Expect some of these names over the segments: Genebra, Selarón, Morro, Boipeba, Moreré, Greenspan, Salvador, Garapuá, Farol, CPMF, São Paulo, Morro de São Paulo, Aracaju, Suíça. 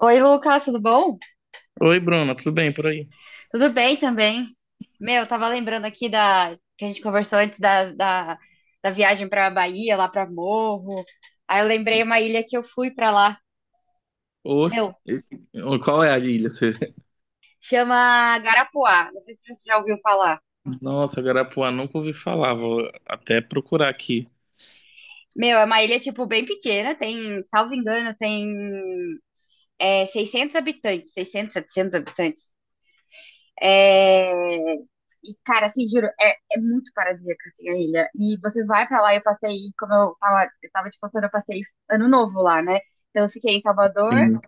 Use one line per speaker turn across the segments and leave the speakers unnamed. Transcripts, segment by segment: Oi, Lucas, tudo bom?
Oi, Bruna, tudo bem por aí?
Tudo bem também. Meu, eu tava lembrando aqui da que a gente conversou antes da viagem pra Bahia, lá pra Morro. Aí eu lembrei uma ilha que eu fui pra lá.
Ô,
Meu,
ô, qual é a ilha?
chama Garapuá. Não sei se você já ouviu falar.
Nossa, Garapuá, nunca ouvi falar, vou até procurar aqui.
Meu, é uma ilha, tipo, bem pequena. Tem, salvo engano, tem 600 habitantes. Seiscentos, 700 habitantes. É, E, cara, assim, juro, é muito paradisíaca, assim, a ilha. E você vai pra lá, eu passei, como eu tava te contando, eu passei ano novo lá, né? Então eu fiquei em Salvador,
Sim.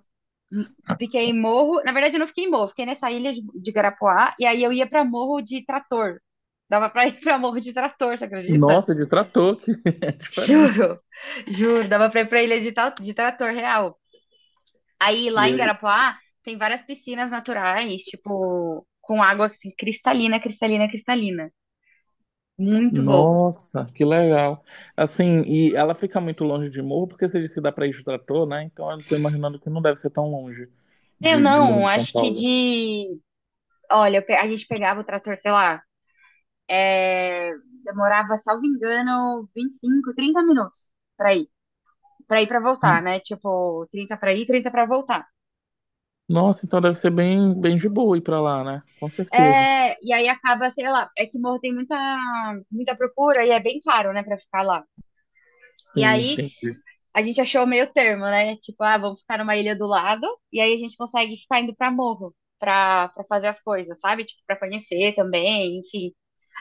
m- fiquei em Morro. Na verdade, eu não fiquei em Morro, fiquei nessa ilha de Garapuá, e aí eu ia pra Morro de Trator. Dava pra ir pra Morro de Trator, você acredita?
Nossa, de trator, que é diferente.
Juro, juro, dava pra ir pra ilha de Trator real. Aí lá
E
em
aí?
Garapuá tem várias piscinas naturais, tipo, com água assim, cristalina, cristalina, cristalina. Muito pouco.
Nossa, que legal. Assim, e ela fica muito longe de Morro, porque você disse que dá pra ir de trator, né? Então eu tô imaginando que não deve ser tão longe
Eu
de Morro
não,
de São
acho que
Paulo.
de. Olha, a gente pegava o trator, sei lá, é, demorava, salvo engano, 25 30 minutos pra ir. Pra ir pra voltar,
Hum.
né? Tipo, 30 pra ir, 30 pra voltar.
Nossa, então deve ser bem, bem de boa ir pra lá, né? Com certeza.
É, e aí acaba, sei lá, é que Morro tem muita, muita procura e é bem caro, né, pra ficar lá. E
Sim,
aí
entendi.
a gente achou meio termo, né? Tipo, ah, vamos ficar numa ilha do lado e aí a gente consegue ficar indo pra Morro pra, pra fazer as coisas, sabe? Tipo, pra conhecer também, enfim.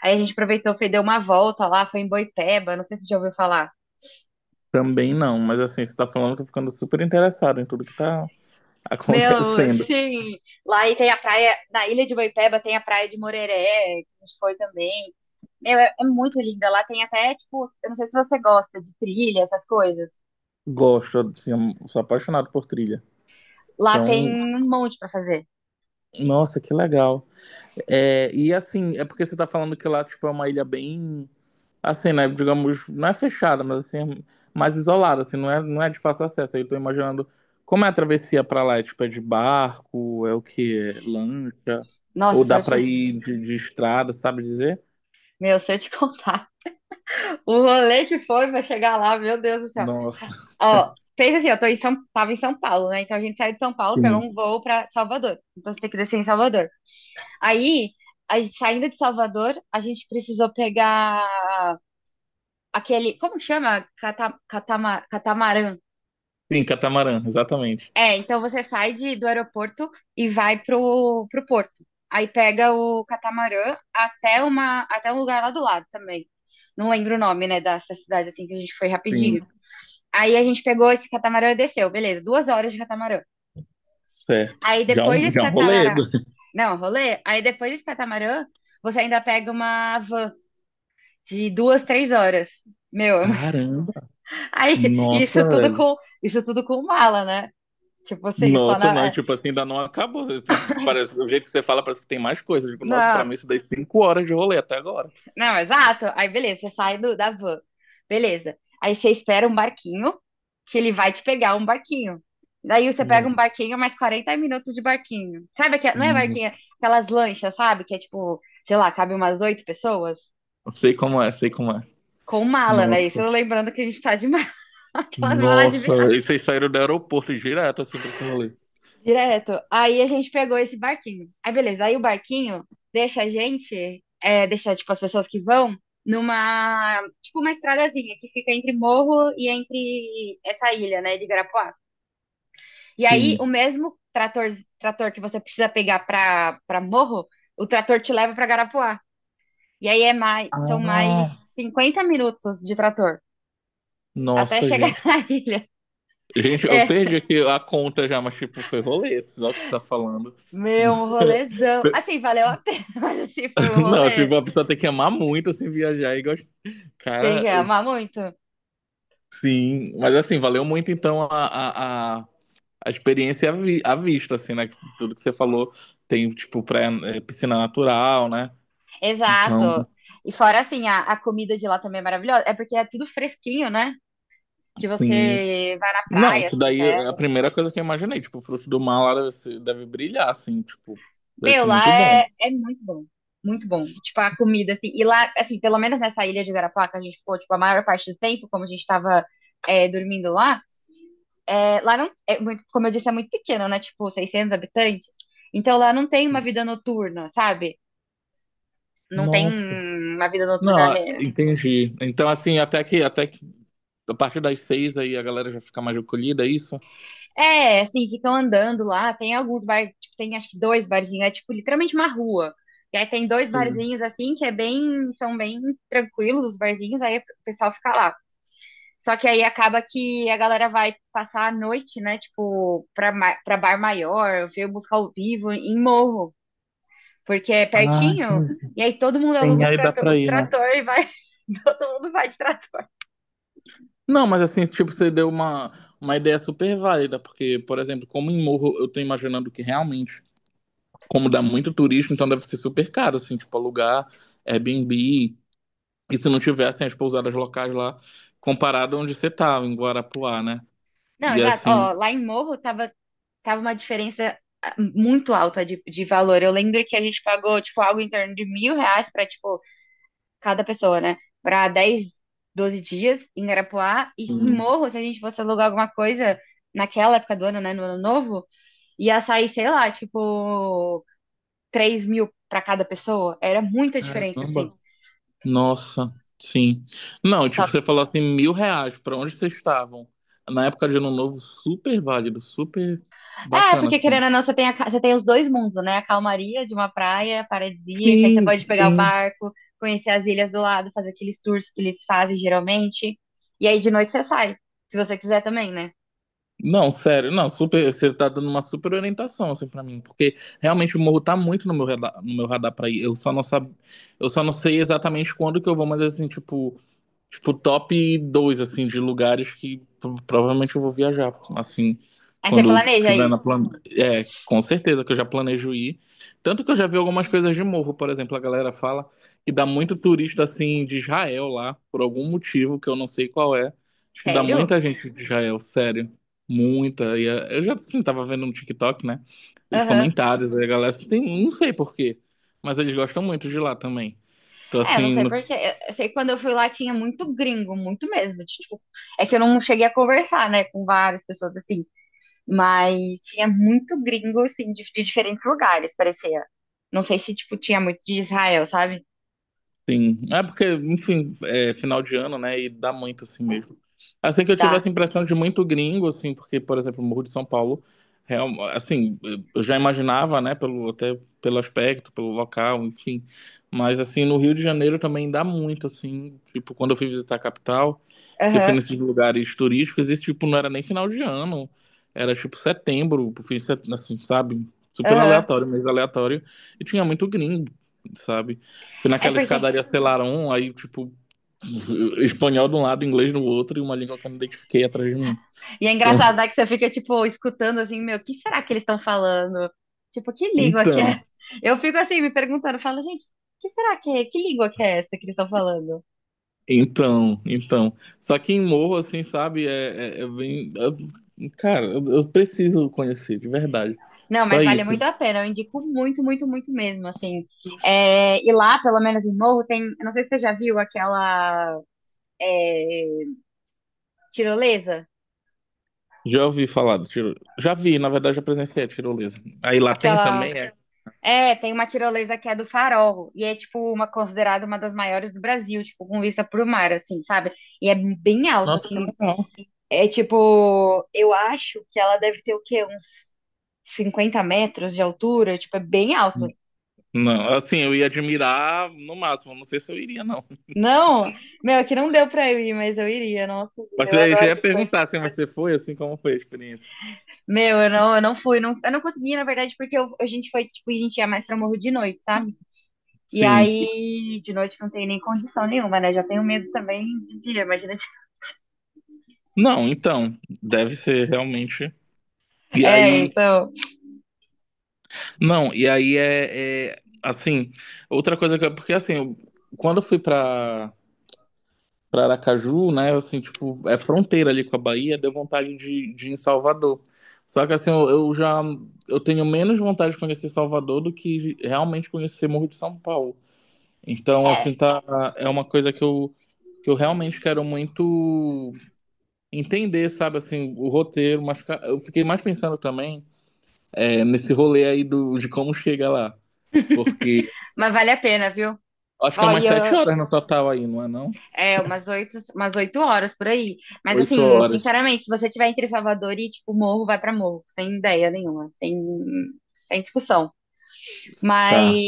Aí a gente aproveitou, foi, deu uma volta lá, foi em Boipeba, não sei se você já ouviu falar.
Também não, mas assim, você tá falando, eu tô ficando super interessado em tudo que tá
Meu,
acontecendo.
sim. Lá e tem a praia, na Ilha de Boipeba tem a praia de Moreré, que a gente foi também. Meu, é, é muito linda. Lá tem até, tipo, eu não sei se você gosta de trilha, essas coisas.
Gosto, assim, eu sou apaixonado por trilha.
Lá
Então,
tem um monte pra fazer.
nossa, que legal. É, e assim, é porque você tá falando que lá, tipo, é uma ilha bem, assim, né, digamos, não é fechada, mas assim, é mais isolada, assim, não é de fácil acesso. Aí eu tô imaginando como é a travessia pra lá, é, tipo, é de barco, é o quê? É lancha? Ou
Nossa, se
dá
eu te,
pra ir de estrada, sabe dizer?
meu, Se eu te contar o rolê que foi pra chegar lá, meu Deus do céu.
Nossa,
Ó, fez assim, eu tô em São, tava em São Paulo, né? Então a gente saiu de São Paulo, pegou
sim.
um voo pra Salvador. Então você tem que descer em Salvador. Aí, saindo de Salvador, a gente precisou pegar aquele, como que chama? Catamarã.
Sim, catamarã, exatamente.
É, então você sai do aeroporto e vai pro porto. Aí pega o catamarã até uma, até um lugar lá do lado também. Não lembro o nome, né, dessa cidade assim que a gente foi
Sim,
rapidinho. Aí a gente pegou esse catamarã e desceu, beleza, duas horas de catamarã.
certo.
Aí
Já é
depois
um,
desse
já é um rolê.
catamarã, não, rolê. Aí depois desse catamarã, você ainda pega uma van de duas, três horas. Meu, é uma-
Caramba.
aí
Nossa, velho.
isso tudo com mala, né? Tipo assim,
Nossa, não, e, tipo assim, ainda não acabou. Assim, parece, o jeito que você fala, parece que tem mais coisas. Tipo, nossa, pra
não,
mim isso daí 5 horas de rolê até agora.
não, exato. Aí beleza, você sai da van. Beleza. Aí você espera um barquinho, que ele vai te pegar um barquinho. Daí você pega um
Nossa.
barquinho, mais 40 minutos de barquinho. Sabe aquela, não é
Não
barquinho, é aquelas lanchas, sabe? Que é tipo, sei lá, cabe umas oito pessoas
sei como é, sei como é.
com mala, né? Isso
Nossa.
eu lembrando que a gente tá de mala, aquelas malas de
Nossa, velho. E
viagem.
vocês saíram do aeroporto direto, assim, pra esse rolê.
Direto. Aí a gente pegou esse barquinho. Aí beleza, aí o barquinho deixa a gente, é, deixa tipo as pessoas que vão numa, tipo uma estradazinha que fica entre morro e entre essa ilha, né, de Garapuá. E aí
Sim.
o mesmo trator que você precisa pegar pra, pra morro, o trator te leva pra Garapuá. E aí é mais, são mais
Ah,
50 minutos de trator até
nossa,
chegar
gente.
na ilha.
Gente, eu
É,
perdi aqui a conta já, mas tipo, foi rolê, só que tá falando.
meu, um rolezão. Assim, valeu a pena, mas assim, foi um
Não,
rolê.
tipo, a pessoa tem que amar muito, assim, viajar e gostar.
Tem que
Cara,
amar muito.
sim. Mas, assim, valeu muito, então, a experiência à vista, assim, né? Tudo que você falou tem, tipo, piscina natural, né? Então,
Exato. E fora assim, a comida de lá também é maravilhosa. É porque é tudo fresquinho, né? Que
sim.
você vai na
Não,
praia,
isso
assim,
daí é a
pega.
primeira coisa que eu imaginei. Tipo, o fruto do mar lá deve brilhar, assim, tipo, deve
Meu,
ser
lá
muito bom.
é, é muito bom. Muito bom. Tipo, a comida, assim. E lá, assim, pelo menos nessa ilha de Garapaca, a gente ficou, tipo, a maior parte do tempo, como a gente tava dormindo lá, é, lá não. É muito, como eu disse, é muito pequeno, né? Tipo, 600 habitantes. Então lá não tem uma vida noturna, sabe? Não tem
Nossa.
uma vida noturna.
Não, entendi. Então, assim, até que a partir das seis aí a galera já fica mais acolhida é isso?
É, assim, ficam andando lá. Tem alguns bares, tipo, tem acho que dois barzinhos, é tipo literalmente uma rua. E aí tem dois
Sim.
barzinhos assim que é bem, são bem tranquilos os barzinhos, aí o pessoal fica lá. Só que aí acaba que a galera vai passar a noite, né, tipo, pra, pra bar maior, ver música ao vivo em morro, porque é
Ah,
pertinho.
entendi.
E aí todo mundo aluga
Sim, aí dá pra
os
ir, né?
trator e vai, todo mundo vai de trator.
Não, mas assim, tipo, você deu uma ideia super válida, porque, por exemplo, como em Morro, eu tô imaginando que realmente, como dá muito turismo, então deve ser super caro, assim, tipo, alugar Airbnb, e se não tivessem as pousadas locais lá, comparado onde você tava, em Guarapuá, né?
Não,
E
exato.
assim,
Ó, lá em Morro tava uma diferença ah, muito alta de valor. Eu lembro que a gente pagou, tipo, algo em torno de mil reais pra, tipo, cada pessoa, né? Pra 10 12 dias em Garapuá. E em
hum,
Morro, se a gente fosse alugar alguma coisa naquela época do ano, né? No ano novo, ia sair, sei lá, tipo, 3 mil pra cada pessoa. Era muita diferença, assim.
caramba. Nossa, sim. Não,
Só
tipo, você falou assim, R$ 1.000, pra onde vocês estavam? Na época de Ano Novo, super válido, super
é,
bacana,
porque querendo
assim.
ou não, você tem, você tem os dois mundos, né? A calmaria de uma praia paradisíaca, aí você
Sim,
pode pegar o
sim.
barco, conhecer as ilhas do lado, fazer aqueles tours que eles fazem geralmente. E aí de noite você sai, se você quiser também, né?
Não, sério, não, super, você tá dando uma super orientação, assim, pra mim, porque realmente o morro tá muito no meu radar, no meu radar pra ir, eu só não sei exatamente quando que eu vou, mas assim, tipo, top dois assim, de lugares que provavelmente eu vou viajar, assim,
Aí você
quando
planeja
tiver
aí.
é, com certeza que eu já planejo ir. Tanto que eu já vi algumas coisas de morro, por exemplo, a galera fala que dá muito turista, assim, de Israel lá, por algum motivo que eu não sei qual é. Acho que dá
Sério?
muita gente de Israel, sério. Muita. E eu já, assim, tava vendo no TikTok, né? Os
Aham.
comentários, aí a galera, assim, tem, não sei por quê, mas eles gostam muito de lá também. Então,
É, eu não
assim,
sei porque. Eu sei que quando eu fui lá tinha muito gringo, muito mesmo. Tipo, é que eu não cheguei a conversar, né, com várias pessoas assim. Mas tinha muito gringo, assim, de diferentes lugares, parecia. Não sei se, tipo, tinha muito de Israel, sabe?
sim, é porque, enfim, é final de ano, né? E dá muito assim mesmo. Assim que eu tive
Da
essa impressão de muito gringo, assim, porque, por exemplo, o Morro de São Paulo, real, assim, eu já imaginava, né, até pelo aspecto, pelo local, enfim. Mas, assim, no Rio de Janeiro também dá muito, assim, tipo, quando eu fui visitar a capital, que eu fui
Aham,
nesses lugares turísticos, esse tipo não era nem final de ano, era tipo setembro, assim, sabe? Super
aham.
aleatório, mês aleatório, e tinha muito gringo, sabe? Fui
É
naquela
porque.
escadaria Selarón, aí, tipo, espanhol de um lado, inglês do outro, e uma língua que eu não identifiquei atrás de mim.
E é
Então,
engraçado, né, que você fica, tipo, escutando assim, meu, o que será que eles estão falando? Tipo, que língua que é?
então,
Eu fico assim, me perguntando, falo, gente, que será que é? Que língua que é essa que eles estão falando?
então. Só que em morro, assim, sabe, é bem. Cara, eu preciso conhecer, de verdade.
Não,
Só
mas vale
isso.
muito a pena, eu indico muito, muito, muito mesmo, assim. É, e lá, pelo menos em Morro, tem. Eu Não sei se você já viu aquela é, tirolesa,
Já ouvi falar do tiro. Já vi, na verdade, já presenciei a tirolesa. Aí lá tem
aquela.
também, é.
É, tem uma tirolesa que é do Farol, e é, tipo, uma considerada uma das maiores do Brasil, tipo, com vista pro mar, assim, sabe? E é bem alta,
Nossa, que
assim,
legal.
é tipo, eu acho que ela deve ter o quê? Uns 50 metros de altura, tipo, é bem alto.
Não, assim, eu ia admirar no máximo, não sei se eu iria, não.
Não, meu, aqui não deu pra eu ir, mas eu iria, nossa,
Mas
eu
aí eu já
adoro
ia
essas coisas.
perguntar assim, mas você foi, assim, como foi a experiência?
Meu, eu não fui, não, eu não consegui, na verdade, porque a gente foi, tipo, a gente ia mais pra Morro de noite, sabe? E
Sim.
aí, de noite não tem nem condição nenhuma, né? Já tenho medo também de dia, imagina.
Não, então, deve ser realmente. E
É,
aí,
então.
não, e aí é, assim, outra coisa que porque assim, quando eu fui pra para Aracaju, né, assim, tipo, é fronteira ali com a Bahia, deu vontade de ir em Salvador. Só que assim, eu tenho menos vontade de conhecer Salvador do que realmente conhecer Morro de São Paulo. Então, assim,
é,
tá, é uma coisa que eu realmente quero muito entender, sabe, assim, o roteiro, mas eu fiquei mais pensando também é nesse rolê aí de como chega lá. Porque
mas vale a pena, viu?
acho que
Ó,
é
E
umas sete
eu,
horas no total aí, não é não?
é, umas oito horas por aí. Mas
Oito
assim,
horas.
sinceramente, se você tiver entre Salvador e tipo Morro, vai pra Morro, sem ideia nenhuma, sem, sem discussão. Mas,
Tá.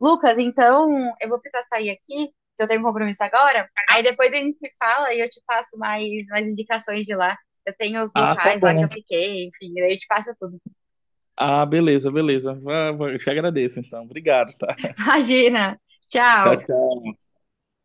Lucas, então eu vou precisar sair aqui, que eu tenho um compromisso agora. Aí depois a gente se fala e eu te passo mais, mais indicações de lá. Eu tenho os
Ah, tá
locais lá que eu
bom.
fiquei, enfim, aí eu te passo tudo.
Ah, beleza, beleza. Vai, vai. Eu te agradeço, então. Obrigado, tá?
Imagina.
Tchau,
Tchau.
tchau.